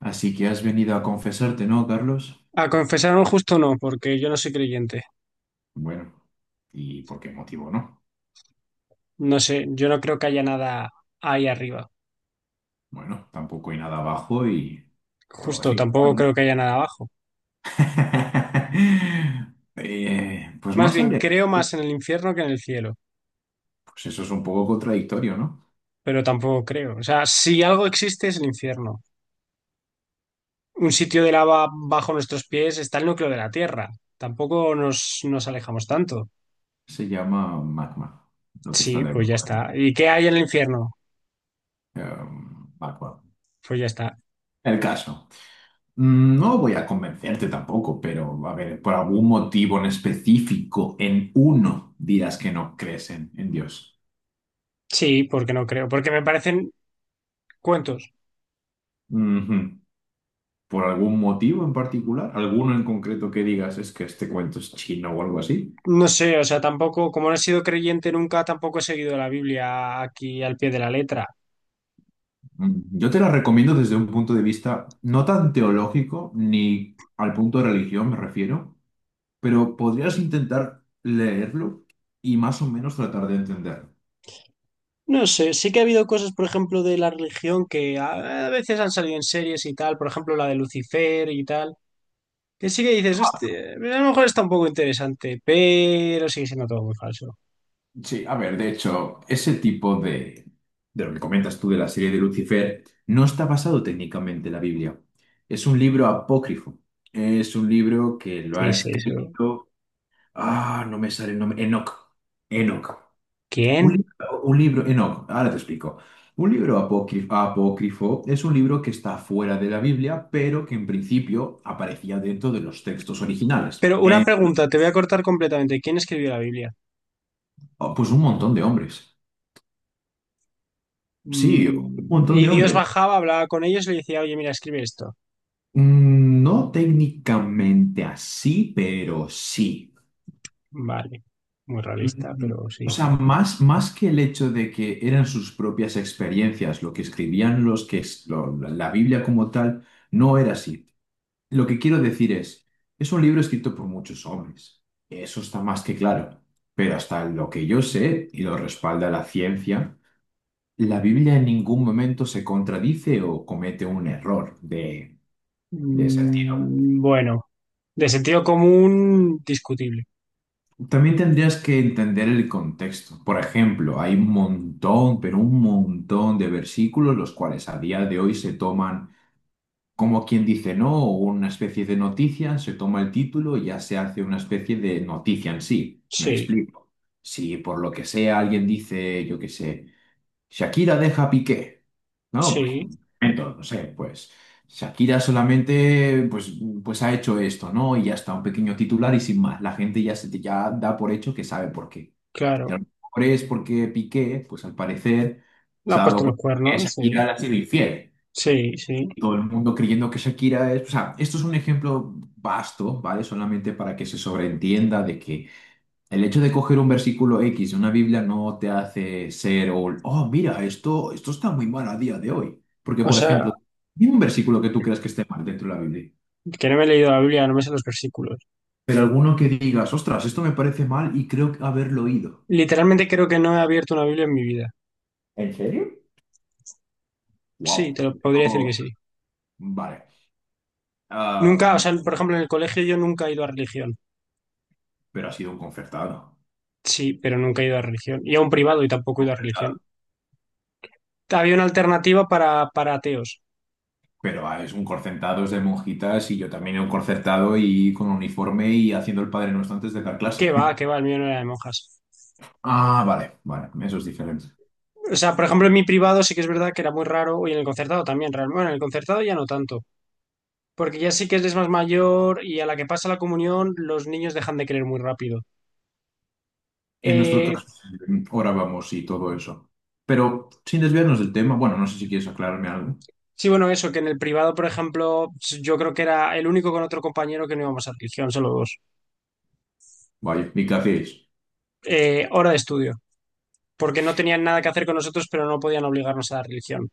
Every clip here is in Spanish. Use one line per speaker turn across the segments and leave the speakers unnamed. Así que has venido a confesarte, ¿no, Carlos?
A confesar un justo no, porque yo no soy creyente.
Bueno, ¿y por qué motivo no?
No sé, yo no creo que haya nada ahí arriba.
Bueno, tampoco hay nada abajo y todo
Justo,
así.
tampoco creo que haya nada abajo.
Pues no
Más bien,
sabría.
creo más en el infierno que en el cielo,
Pues eso es un poco contradictorio, ¿no?
pero tampoco creo. O sea, si algo existe es el infierno. Un sitio de lava bajo nuestros pies está el núcleo de la Tierra. Tampoco nos alejamos tanto.
Se llama magma, lo que está
Sí, pues ya
debajo.
está. ¿Y qué hay en el infierno?
Magma.
Pues ya está.
El caso. Mm, no voy a convencerte tampoco, pero a ver, por algún motivo en específico, en uno, dirás que no crees en Dios.
Sí, porque no creo, porque me parecen cuentos.
Ujú. ¿Por algún motivo en particular? ¿Alguno en concreto que digas es que este cuento es chino o algo así?
No sé, o sea, tampoco, como no he sido creyente nunca, tampoco he seguido la Biblia aquí al pie de la letra.
Mm, yo te la recomiendo desde un punto de vista no tan teológico ni al punto de religión me refiero, pero podrías intentar leerlo y más o menos tratar de entenderlo.
No sé, sí que ha habido cosas, por ejemplo, de la religión que a veces han salido en series y tal, por ejemplo, la de Lucifer y tal, que sí que dices, hostia, a lo mejor está un poco interesante, pero sigue siendo todo muy falso.
Sí, a ver, de hecho, ese de lo que comentas tú de la serie de Lucifer no está basado técnicamente en la Biblia. Es un libro apócrifo. Es un libro que lo
¿Qué
ha
es eso?
escrito. Ah, no me sale el nombre. Enoch. Enoch.
¿Quién?
Un libro, Enoch, ahora te explico. Un libro apócrifo es un libro que está fuera de la Biblia, pero que en principio aparecía dentro de los textos originales.
Pero una
En-
pregunta, te voy a cortar completamente. ¿Quién escribió la Biblia?
Oh, pues un montón de hombres. Sí, un montón
Y
de
Dios
hombres.
bajaba, hablaba con ellos y le decía, oye, mira, escribe esto.
Mm, no técnicamente así, pero sí.
Vale, muy realista,
Mm,
pero
o
sí.
sea, más que el hecho de que eran sus propias experiencias, lo que escribían los que es, la Biblia como tal, no era así. Lo que quiero decir es un libro escrito por muchos hombres. Eso está más que claro. Pero hasta lo que yo sé, y lo respalda la ciencia, la Biblia en ningún momento se contradice o comete un error de sentido.
Bueno, de sentido común, discutible.
También tendrías que entender el contexto. Por ejemplo, hay un montón, pero un montón de versículos los cuales a día de hoy se toman como quien dice no, o una especie de noticia, se toma el título y ya se hace una especie de noticia en sí. Me
Sí,
explico. Si por lo que sea alguien dice, yo qué sé, Shakira deja a Piqué. No, pues
sí,
un momento, no sé, pues Shakira solamente pues, pues ha hecho esto, ¿no? Y ya está, un pequeño titular y sin más. La gente ya, se, ya da por hecho que sabe por qué. Y a
claro.
lo mejor es porque Piqué, pues al parecer,
Le
se
ha
ha dado
puesto los
cuenta que
cuernos, sí,
Shakira le ha sido infiel.
sí, sí.
Y todo el mundo creyendo que Shakira es... O sea, esto es un ejemplo vasto, ¿vale? Solamente para que se sobreentienda de que el hecho de coger un versículo X de una Biblia no te hace ser, oh, mira, esto está muy mal a día de hoy. Porque,
O
por
sea,
ejemplo, dime un versículo que tú creas que esté mal dentro de la Biblia,
que no me he leído la Biblia, no me sé los versículos.
pero alguno que digas, ostras, esto me parece mal y creo haberlo oído.
Literalmente creo que no he abierto una Biblia en mi vida.
¿En serio?
Sí,
Wow.
te lo podría decir que sí.
Vale. Ah,
Nunca, o
me-
sea, por ejemplo, en el colegio yo nunca he ido a religión.
pero ha sido un concertado.
Sí, pero nunca he ido a religión. Y a un
Pero
privado y
es
tampoco he
un
ido a religión.
concertado.
Había una alternativa para ateos.
Pero, es un concertado, es de monjitas y yo también he un concertado y con uniforme y haciendo el Padre Nuestro antes de dar clase.
¿Qué va? ¿Qué va? El mío no era de monjas.
Ah, vale, eso es diferente.
O sea, por ejemplo, en mi privado sí que es verdad que era muy raro, y en el concertado también, realmente. Bueno, en el concertado ya no tanto, porque ya sí que eres más mayor y a la que pasa la comunión, los niños dejan de creer muy rápido.
En nuestro
Eh,
caso, ahora vamos y todo eso. Pero sin desviarnos del tema, bueno, no sé si quieres aclararme algo.
sí, bueno, eso, que en el privado, por ejemplo, yo creo que era el único con otro compañero que no íbamos a religión, solo dos.
Vaya, mi café es.
Hora de estudio, porque no tenían nada que hacer con nosotros, pero no podían obligarnos a la religión.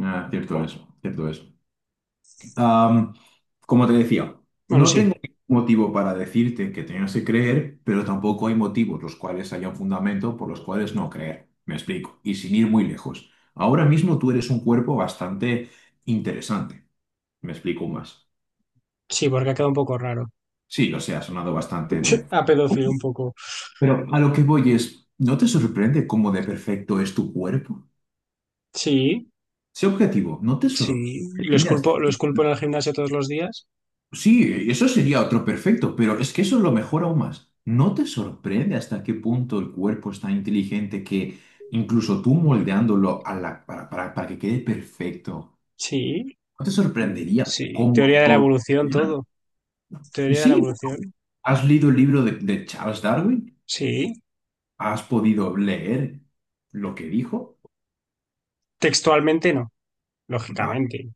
Ah, cierto es. Am, Como te decía,
Bueno,
no
sí,
tengo ningún motivo para decirte que tengas que creer, pero tampoco hay motivos los cuales haya un fundamento por los cuales no creer. Me explico. Y sin ir muy lejos. Ahora mismo tú eres un cuerpo bastante interesante. Me explico más.
sí, porque ha quedado un poco raro.
Sí, lo sé, ha sonado bastante de...
A
forma.
pedófilo un poco.
Pero a lo que voy es, ¿no te sorprende cómo de perfecto es tu cuerpo?
Sí,
Sé objetivo, ¿no te
sí,
sorprende hasta
lo esculpo en el gimnasio todos los días.
Sí, eso sería otro perfecto, pero es que eso es lo mejor aún más. ¿No te sorprende hasta qué punto el cuerpo es tan inteligente que incluso tú moldeándolo a para que quede perfecto,
Sí,
¿no te sorprendería
sí,
cómo
teoría de la
todo
evolución,
funciona?
todo. Teoría de la
Sí,
evolución.
¿has leído el libro de Charles Darwin?
Sí,
¿Has podido leer lo que dijo?
textualmente no, lógicamente.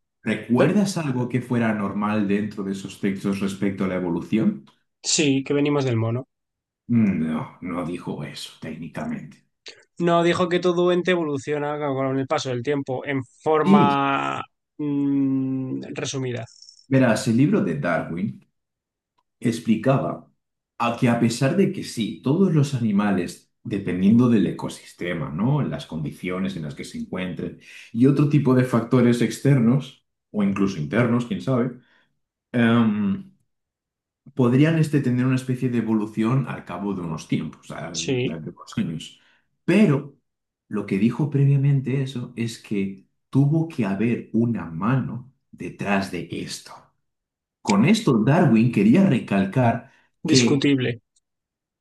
Eh,
¿Recuerdas algo que fuera normal dentro de esos textos respecto a la evolución?
Sí, que venimos del mono.
Mm, no, no dijo eso técnicamente.
No, dijo que todo ente evoluciona con el paso del tiempo en
Sí,
forma resumida.
verás, el libro de Darwin explicaba a que a pesar de que sí, todos los animales, dependiendo del ecosistema, ¿no? Las condiciones en las que se encuentren y otro tipo de factores externos o incluso internos, quién sabe, em, podrían este, tener una especie de evolución al cabo de unos tiempos,
Sí,
de unos años. Pero lo que dijo previamente eso es que tuvo que haber una mano detrás de esto. Con esto, Darwin quería recalcar que
discutible.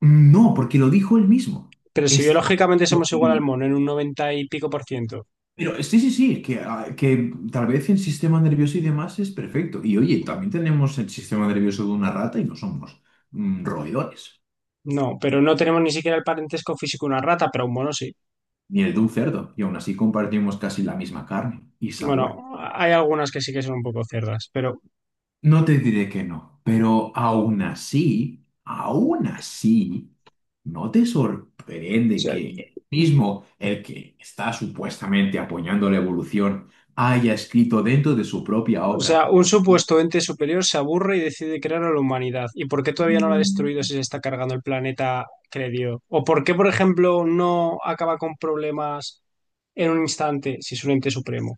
no, porque lo dijo él mismo.
Pero si
Es
biológicamente
lo
somos
que
igual al
libre.
mono en un noventa y pico por ciento.
Pero sí, que, que tal vez el sistema nervioso y demás es perfecto. Y oye, también tenemos el sistema nervioso de una rata y no somos roedores.
No, pero no tenemos ni siquiera el parentesco físico de una rata, pero un mono sí.
Ni el de un cerdo, y aún así compartimos casi la misma carne y
Bueno,
sabor.
hay algunas que sí que son un poco cerdas, pero o
No te diré que no, pero aún así, ¿no te sorprende
sea.
que el mismo, el que está supuestamente apoyando la evolución, haya escrito dentro de su propia
O sea,
obra?
un supuesto ente superior se aburre y decide crear a la humanidad. ¿Y por qué todavía no la ha
Mm,
destruido si se está cargando el planeta que le dio? ¿O por qué, por ejemplo, no acaba con problemas en un instante si es un ente supremo?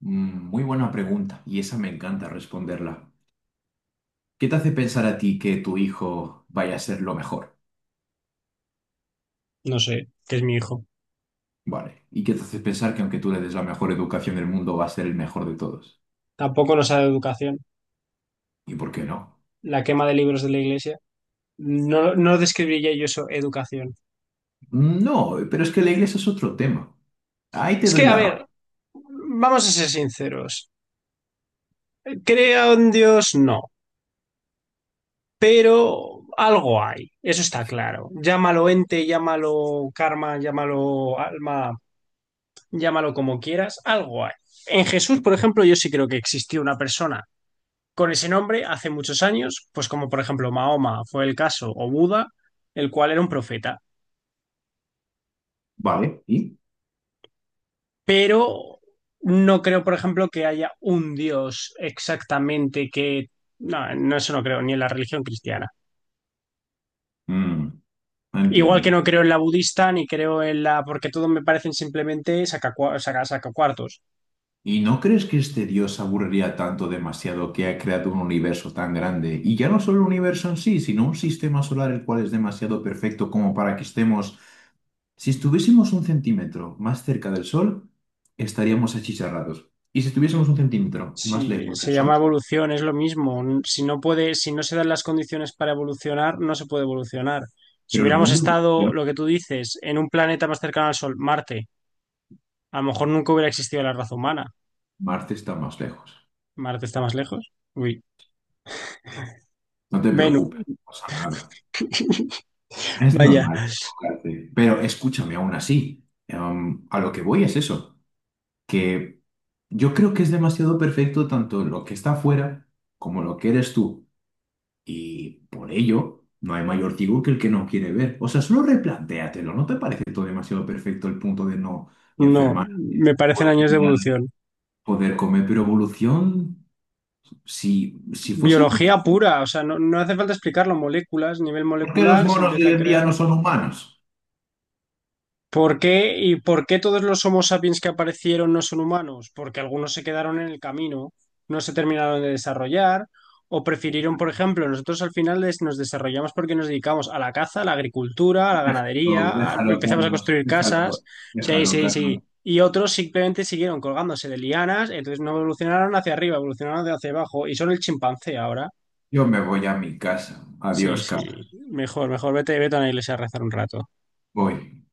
Muy buena pregunta, y esa me encanta responderla. ¿Qué te hace pensar a ti que tu hijo vaya a ser lo mejor?
No sé, que es mi hijo.
Vale. ¿Y qué te hace pensar que aunque tú le des la mejor educación del mundo, va a ser el mejor de todos?
Tampoco nos ha dado educación.
¿Y por qué no?
La quema de libros de la iglesia. No, no describiría yo eso, educación.
No, pero es que la iglesia es otro tema. Ahí te
Es
doy
que, a
la razón.
ver, vamos a ser sinceros. ¿Crea un Dios? No. Pero algo hay, eso está claro. Llámalo ente, llámalo karma, llámalo alma, llámalo como quieras, algo hay. En Jesús, por ejemplo, yo sí creo que existió una persona con ese nombre hace muchos años, pues como por ejemplo Mahoma fue el caso, o Buda, el cual era un profeta.
Vale, ¿y?
Pero no creo, por ejemplo, que haya un Dios exactamente que... No, no, eso no creo, ni en la religión cristiana.
Mm,
Igual que
entiendo.
no creo en la budista ni creo en la... porque todo me parecen simplemente sacacuartos. Sacacuartos.
¿Y no crees que este Dios se aburriría tanto demasiado que ha creado un universo tan grande? Y ya no solo el universo en sí, sino un sistema solar el cual es demasiado perfecto como para que estemos... Si estuviésemos un centímetro más cerca del Sol, estaríamos achicharrados. Y si estuviésemos un centímetro más
Si
lejos del
se llama
Sol,
evolución, es lo mismo. Si no puede, si no se dan las condiciones para evolucionar, no se puede evolucionar. Si
pero el
hubiéramos
mundo
estado,
evoluciona.
lo que tú dices, en un planeta más cercano al Sol, Marte, a lo mejor nunca hubiera existido la raza humana.
Marte está más lejos.
Marte está más lejos. Uy,
No te
Venus,
preocupes, no pasa nada. Es
vaya.
normal equivocarte. Pero escúchame, aún así, a lo que voy es eso, que yo creo que es demasiado perfecto tanto lo que está afuera como lo que eres tú. Y por ello, no hay mayor ciego que el que no quiere ver. O sea, solo replantéatelo. ¿No te parece todo demasiado perfecto el punto de no
No,
enfermar,
me parecen
poder
años de
mirar,
evolución.
poder comer? Pero evolución, si fuese evolución,
Biología pura, o sea, no, no hace falta explicarlo. Moléculas, nivel
¿por qué los
molecular, se
monos de
empieza
hoy
a
en día
crear.
no son humanos?
¿Por qué? ¿Y por qué todos los Homo sapiens que aparecieron no son humanos? Porque algunos se quedaron en el camino, no se terminaron de desarrollar, o prefirieron, por ejemplo, nosotros al final nos desarrollamos porque nos dedicamos a la caza, a la agricultura, a la
Déjalo,
ganadería,
déjalo,
empezamos a
Carlos,
construir casas,
déjalo,
sí,
déjalo,
sí, sí.
Carlos.
Y otros simplemente siguieron colgándose de lianas, entonces no evolucionaron hacia arriba, evolucionaron de hacia abajo, y son el chimpancé ahora.
Yo me voy a mi casa.
Sí,
Adiós,
sí,
Carlos.
mejor, mejor, vete, vete a la iglesia a rezar un rato.
Voy.